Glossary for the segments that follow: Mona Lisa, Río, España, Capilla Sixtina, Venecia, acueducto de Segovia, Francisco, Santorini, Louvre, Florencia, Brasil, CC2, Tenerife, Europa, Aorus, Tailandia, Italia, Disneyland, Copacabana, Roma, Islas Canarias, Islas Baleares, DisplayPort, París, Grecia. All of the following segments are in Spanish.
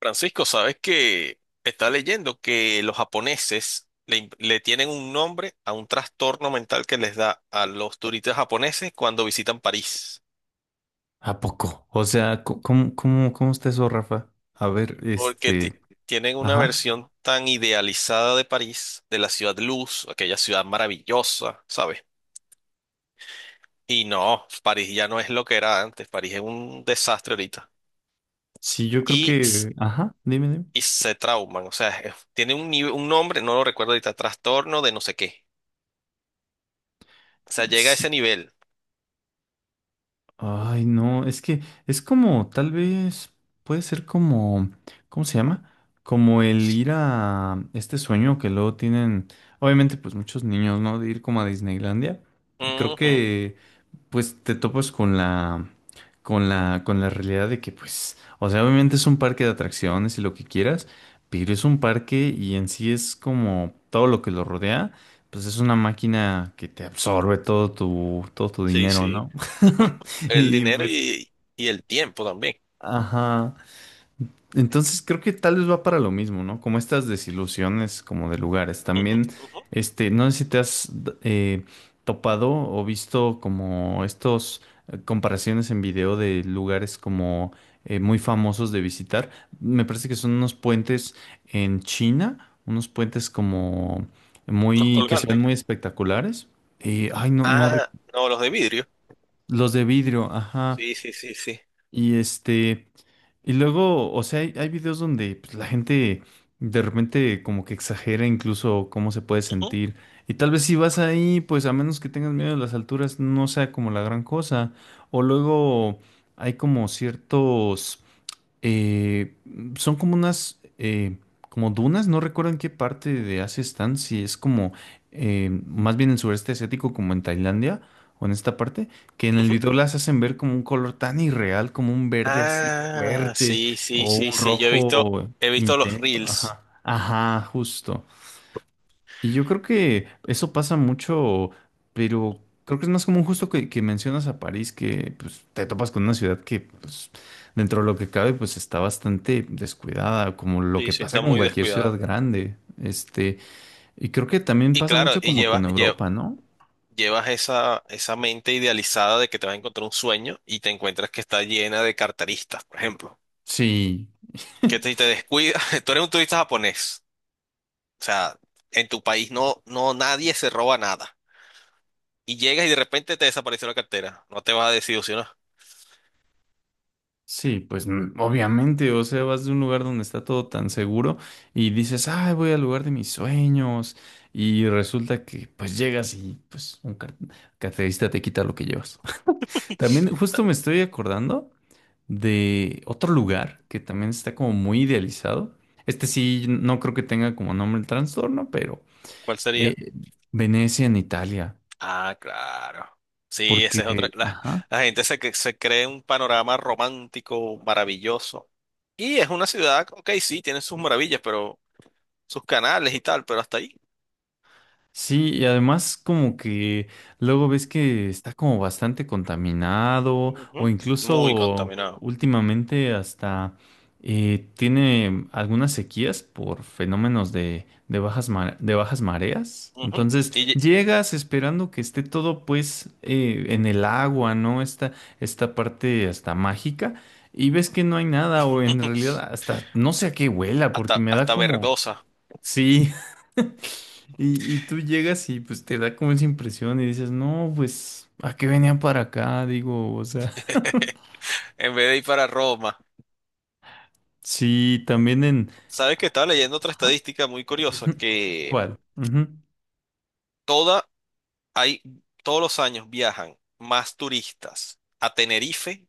Francisco, sabes que está leyendo que los japoneses le tienen un nombre a un trastorno mental que les da a los turistas japoneses cuando visitan París, ¿A poco? O sea, ¿cómo está eso, Rafa? A ver, porque tienen una ajá. versión tan idealizada de París, de la ciudad luz, aquella ciudad maravillosa, ¿sabes? Y no, París ya no es lo que era antes, París es un desastre ahorita. Sí, yo creo Y, s- que, ajá, dime. y se trauman, o sea, tiene un nombre, no lo recuerdo ahorita, trastorno de no sé qué. O sea, llega a ese Sí. nivel. Ay, no, es que es como, tal vez, puede ser como, ¿cómo se llama? Como el ir a este sueño que luego tienen, obviamente, pues muchos niños, ¿no? De ir como a Disneylandia. Y creo Ujú. que pues te topas con con la realidad de que, pues, o sea, obviamente es un parque de atracciones y lo que quieras, pero es un parque y en sí es como todo lo que lo rodea, pues es una máquina que te absorbe todo tu Sí, dinero, sí. ¿no? Ujú. El Y dinero pues, y el tiempo también. ajá. Entonces creo que tal vez va para lo mismo, ¿no? Como estas desilusiones como de lugares. Ujú, También, ujú. este, no sé si topado o visto como estos comparaciones en video de lugares como muy famosos de visitar. Me parece que son unos puentes en China, unos puentes como Los muy, que se ven colgantes. muy espectaculares. Ay, no, no, re- Ah, no, los de vidrio. los de vidrio, ajá. Sí, sí, sí, sí. Y este... Y luego, o sea, hay videos donde pues, la gente de repente como que exagera incluso cómo se puede Ujú, sentir. Y tal vez si vas ahí, pues a menos que tengas miedo de las alturas, no sea como la gran cosa. O luego hay como ciertos eh, son como unas, como dunas, no recuerdo en qué parte de Asia están, si es como, más bien en sureste asiático, como en Tailandia o en esta parte, que en el ujú. video las hacen ver como un color tan irreal, como un verde así Ah, fuerte sí, sí, o sí, un sí. Yo rojo he visto los intenso. reels. Ajá, ajá, justo. Y yo creo que eso pasa mucho, pero creo que es más común justo que mencionas a París, que pues, te topas con una ciudad que pues, dentro de lo que cabe pues está bastante descuidada, como lo Sí, que sí, pasa está con muy cualquier ciudad descuidado. grande. Este, y creo que también Y pasa claro, mucho como con Europa, ¿no? llevas esa, esa mente idealizada de que te vas a encontrar un sueño y te encuentras que está llena de carteristas, por ejemplo. Sí. Que te descuidas, tú eres un turista japonés. O sea, en tu país no, no, nadie se roba nada. Y llegas y de repente te desapareció la cartera. No te vas a desilusionar. Sí, pues obviamente, o sea, vas de un lugar donde está todo tan seguro y dices, ay, voy al lugar de mis sueños y resulta que pues llegas y pues carterista te quita lo que llevas. También justo me estoy acordando de otro lugar que también está como muy idealizado. Este sí, no creo que tenga como nombre el trastorno, pero ¿Cuál sería? eh, Venecia en Italia, Ah, claro. Sí, esa es otra. porque, ajá. La gente se cree un panorama romántico maravilloso. Y es una ciudad, ok, sí, tiene sus maravillas, pero sus canales y tal, pero hasta ahí. Sí, y además como que luego ves que está como bastante contaminado o Ujú. Muy incluso contaminado. últimamente hasta tiene algunas sequías por fenómenos de de bajas mareas. Ujú. Entonces Y lle- llegas esperando que esté todo pues en el agua, ¿no? Esta parte hasta mágica y ves que no hay nada o en realidad hasta no sé a qué huela porque hasta, me da hasta como... verdosa, Sí. Y tú llegas y pues te da como esa impresión y dices, no, pues, ¿a qué venía para acá? Digo, o sea, en vez de ir para Roma. sí, también en... Sabes que estaba leyendo otra Ajá. estadística muy curiosa, Ujú. que ¿Cuál? Ujú. toda hay todos los años viajan más turistas a Tenerife,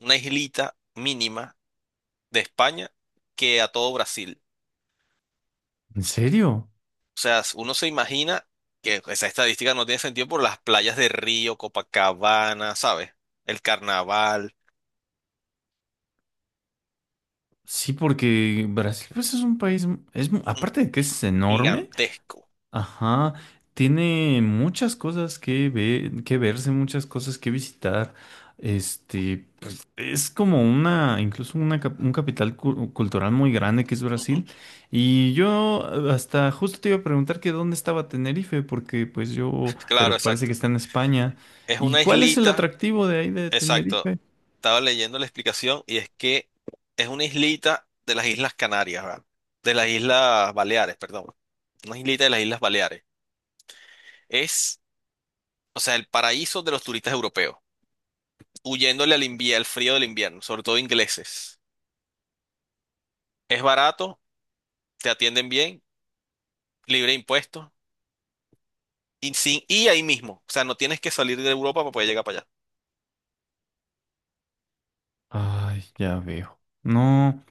una islita mínima de España, que a todo Brasil. ¿En serio? O sea, uno se imagina que esa estadística no tiene sentido por las playas de Río, Copacabana, ¿sabes? El carnaval, Sí, porque Brasil pues es un país, es, mm, aparte de que es enorme. gigantesco. Ajá, tiene muchas cosas que ver, que verse, muchas cosas que visitar. Este, pues es como una, incluso una, un cultural muy grande que es Ujú. Brasil. Y yo hasta justo te iba a preguntar que dónde estaba Tenerife, porque pues yo, pero Claro, parece que exacto. está en España. Es ¿Y una cuál es el islita, atractivo de ahí de exacto. Tenerife? Estaba leyendo la explicación y es que es una islita de las Islas Canarias, ¿verdad? De las Islas Baleares, perdón. Una islita de las Islas Baleares. Es, o sea, el paraíso de los turistas europeos, huyéndole al invierno, al frío del invierno, sobre todo ingleses. Es barato, te atienden bien, libre de impuestos, y, sin, y ahí mismo. O sea, no tienes que salir de Europa para poder llegar para allá. Ay, ya veo. No.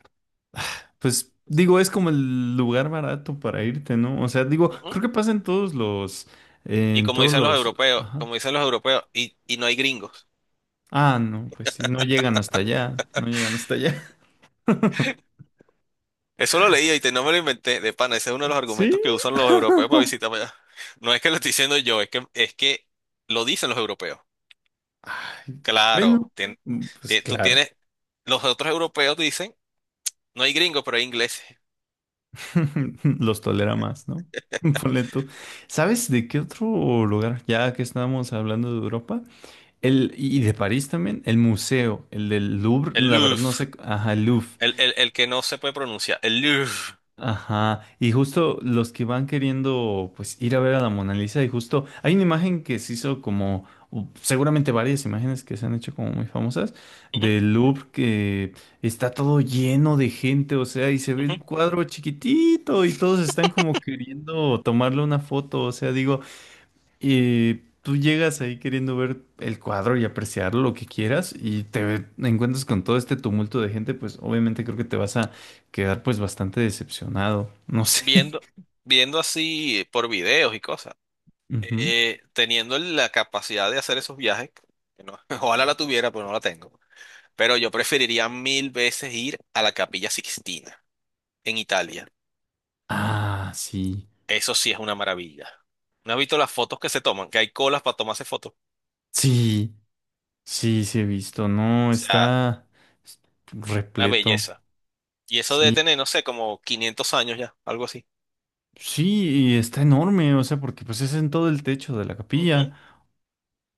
Pues digo, es como el lugar barato para irte, ¿no? O sea, digo, Ujú. creo que pasa en todos Y en como todos dicen los los, europeos, ajá. como dicen los europeos, y no hay gringos. Ah, no, pues sí, no llegan hasta allá, no llegan hasta allá. Eso lo leí no me lo inventé, de pana, ese es uno de los Sí. argumentos que usan los europeos para visitar para allá. No es que lo estoy diciendo yo, es que lo dicen los europeos. Ay, bueno, Claro, tien- pues Tú claro, tienes, los otros europeos dicen, no hay gringos, pero hay ingleses. los tolera más, ¿no? Ponle tú. ¿Sabes de qué otro lugar? Ya que estábamos hablando de Europa, y de París también, el del Louvre, El la verdad Louvre, no sé, ajá, el Louvre. El, que no se puede pronunciar, el Louvre. Ajá, y justo los que van queriendo pues ir a ver a la Mona Lisa y justo hay una imagen que se hizo como seguramente varias imágenes que se han hecho como muy famosas Ujú, del Louvre que está todo lleno de gente, o sea, y se ve el ujú. cuadro chiquitito y todos están como queriendo tomarle una foto, o sea, digo, y tú llegas ahí queriendo ver el cuadro y apreciar lo que quieras y te encuentras con todo este tumulto de gente, pues obviamente creo que te vas a quedar pues bastante decepcionado. No sé. Viendo, viendo así por videos y cosas, Ujú. Teniendo la capacidad de hacer esos viajes, que no- ojalá la tuviera, pero no la tengo. Pero yo preferiría mil veces ir a la Capilla Sixtina, en Italia. Ah, sí. Eso sí es una maravilla. ¿No has visto las fotos que se toman? Que hay colas para tomarse fotos. O Sí, sí, sí he visto. No, sea, está una repleto. belleza. Y eso debe Sí. tener, no sé, como 500 años ya, algo así. Sí, y está enorme, o sea, porque pues es en todo el techo de la Ujú. capilla.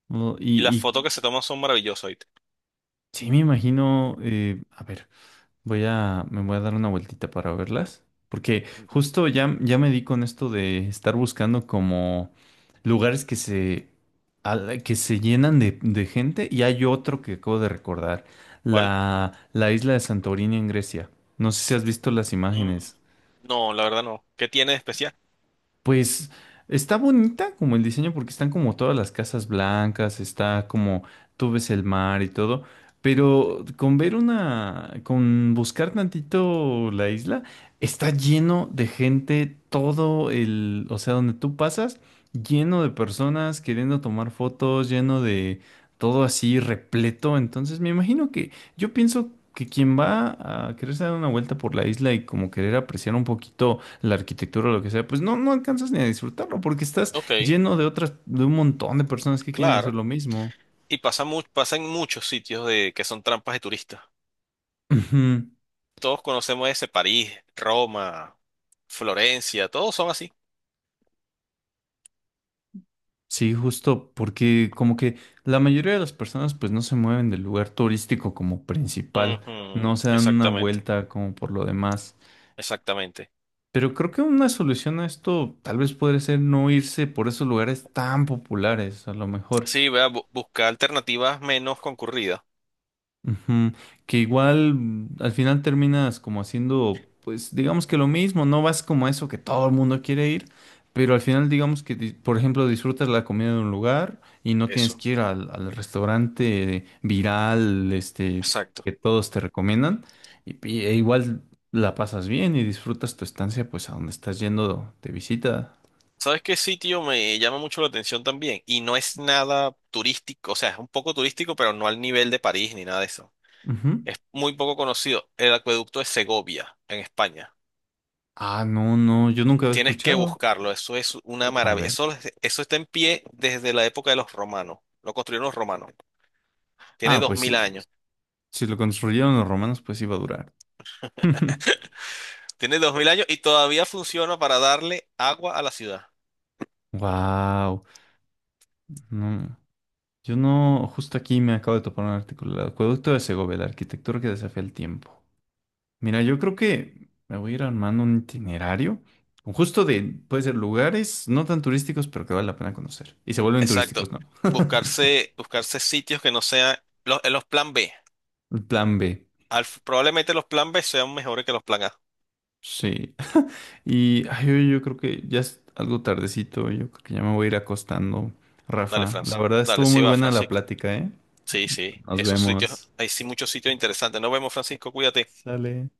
¿No? Y las Y fotos que se toman son maravillosas, ¿oíste? sí me imagino, a ver. Me voy a dar una vueltita para verlas, porque Ujú. justo ya me di con esto de estar buscando como lugares que se llenan de gente y hay otro que acabo de recordar, ¿Cuál? La isla de Santorini en Grecia. No sé si has visto las Mm, imágenes. no, la verdad no. ¿Qué tiene de especial? Pues está bonita como el diseño porque están como todas las casas blancas, está como tú ves el mar y todo, pero con ver una, con buscar tantito la isla, está lleno de gente, todo el, o sea, donde tú pasas, lleno de personas queriendo tomar fotos, lleno de todo así repleto, entonces me imagino que yo pienso que quien va a quererse dar una vuelta por la isla y como querer apreciar un poquito la arquitectura o lo que sea, pues no, no alcanzas ni a disfrutarlo porque estás Ok, lleno de otras, de un montón de personas que quieren hacer claro. lo mismo. Y pasa, pasa en muchos sitios de que son trampas de turistas. Ujú. Todos conocemos ese París, Roma, Florencia, todos son así. Sí, justo porque como que la mayoría de las personas pues no se mueven del lugar turístico como principal, no Ujú. se dan una Exactamente, vuelta como por lo demás. exactamente. Pero creo que una solución a esto tal vez podría ser no irse por esos lugares tan populares, a lo mejor. Sí, vea, buscar alternativas menos concurridas. Ujú. Que igual al final terminas como haciendo, pues digamos que lo mismo, no vas como a eso que todo el mundo quiere ir, pero al final digamos que, por ejemplo, disfrutas la comida de un lugar y no tienes Eso, que ir al restaurante viral, este, exacto. que todos te recomiendan, e igual la pasas bien y disfrutas tu estancia, pues a donde estás yendo de visita. ¿Sabes qué sitio me llama mucho la atención también? Y no es nada turístico, o sea, es un poco turístico, pero no al nivel de París ni nada de eso. Ujú. Es muy poco conocido, el acueducto de Segovia, en España. Ah, no, no, yo nunca había Tienes que escuchado. buscarlo, eso es una A maravilla. ver. Eso, eso está en pie desde la época de los romanos. Lo construyeron los romanos. Tiene Ah, dos pues mil si, años. si lo construyeron los romanos, pues iba a durar. Tiene 2000 años y todavía funciona para darle agua a la ciudad. Wow, no, yo no, justo aquí me acabo de topar un artículo, el acueducto de Segovia, la arquitectura que desafía el tiempo. Mira, yo creo que me voy a ir armando un itinerario, con justo de, puede ser lugares no tan turísticos, pero que vale la pena conocer. Y se vuelven Exacto. turísticos, ¿no? Buscarse, buscarse sitios que no sean los plan B. El plan B, Probablemente los plan B sean mejores que los plan A. sí. Y ay, yo creo que ya es algo tardecito, yo creo que ya me voy a ir acostando, Dale, Rafa. La Francisco. verdad Dale, estuvo sí muy va, buena la Francisco. plática, ¿eh? Sí, sí. Nos Esos sitios, vemos. hay sí muchos sitios interesantes. Nos vemos, Francisco. Cuídate. Sale.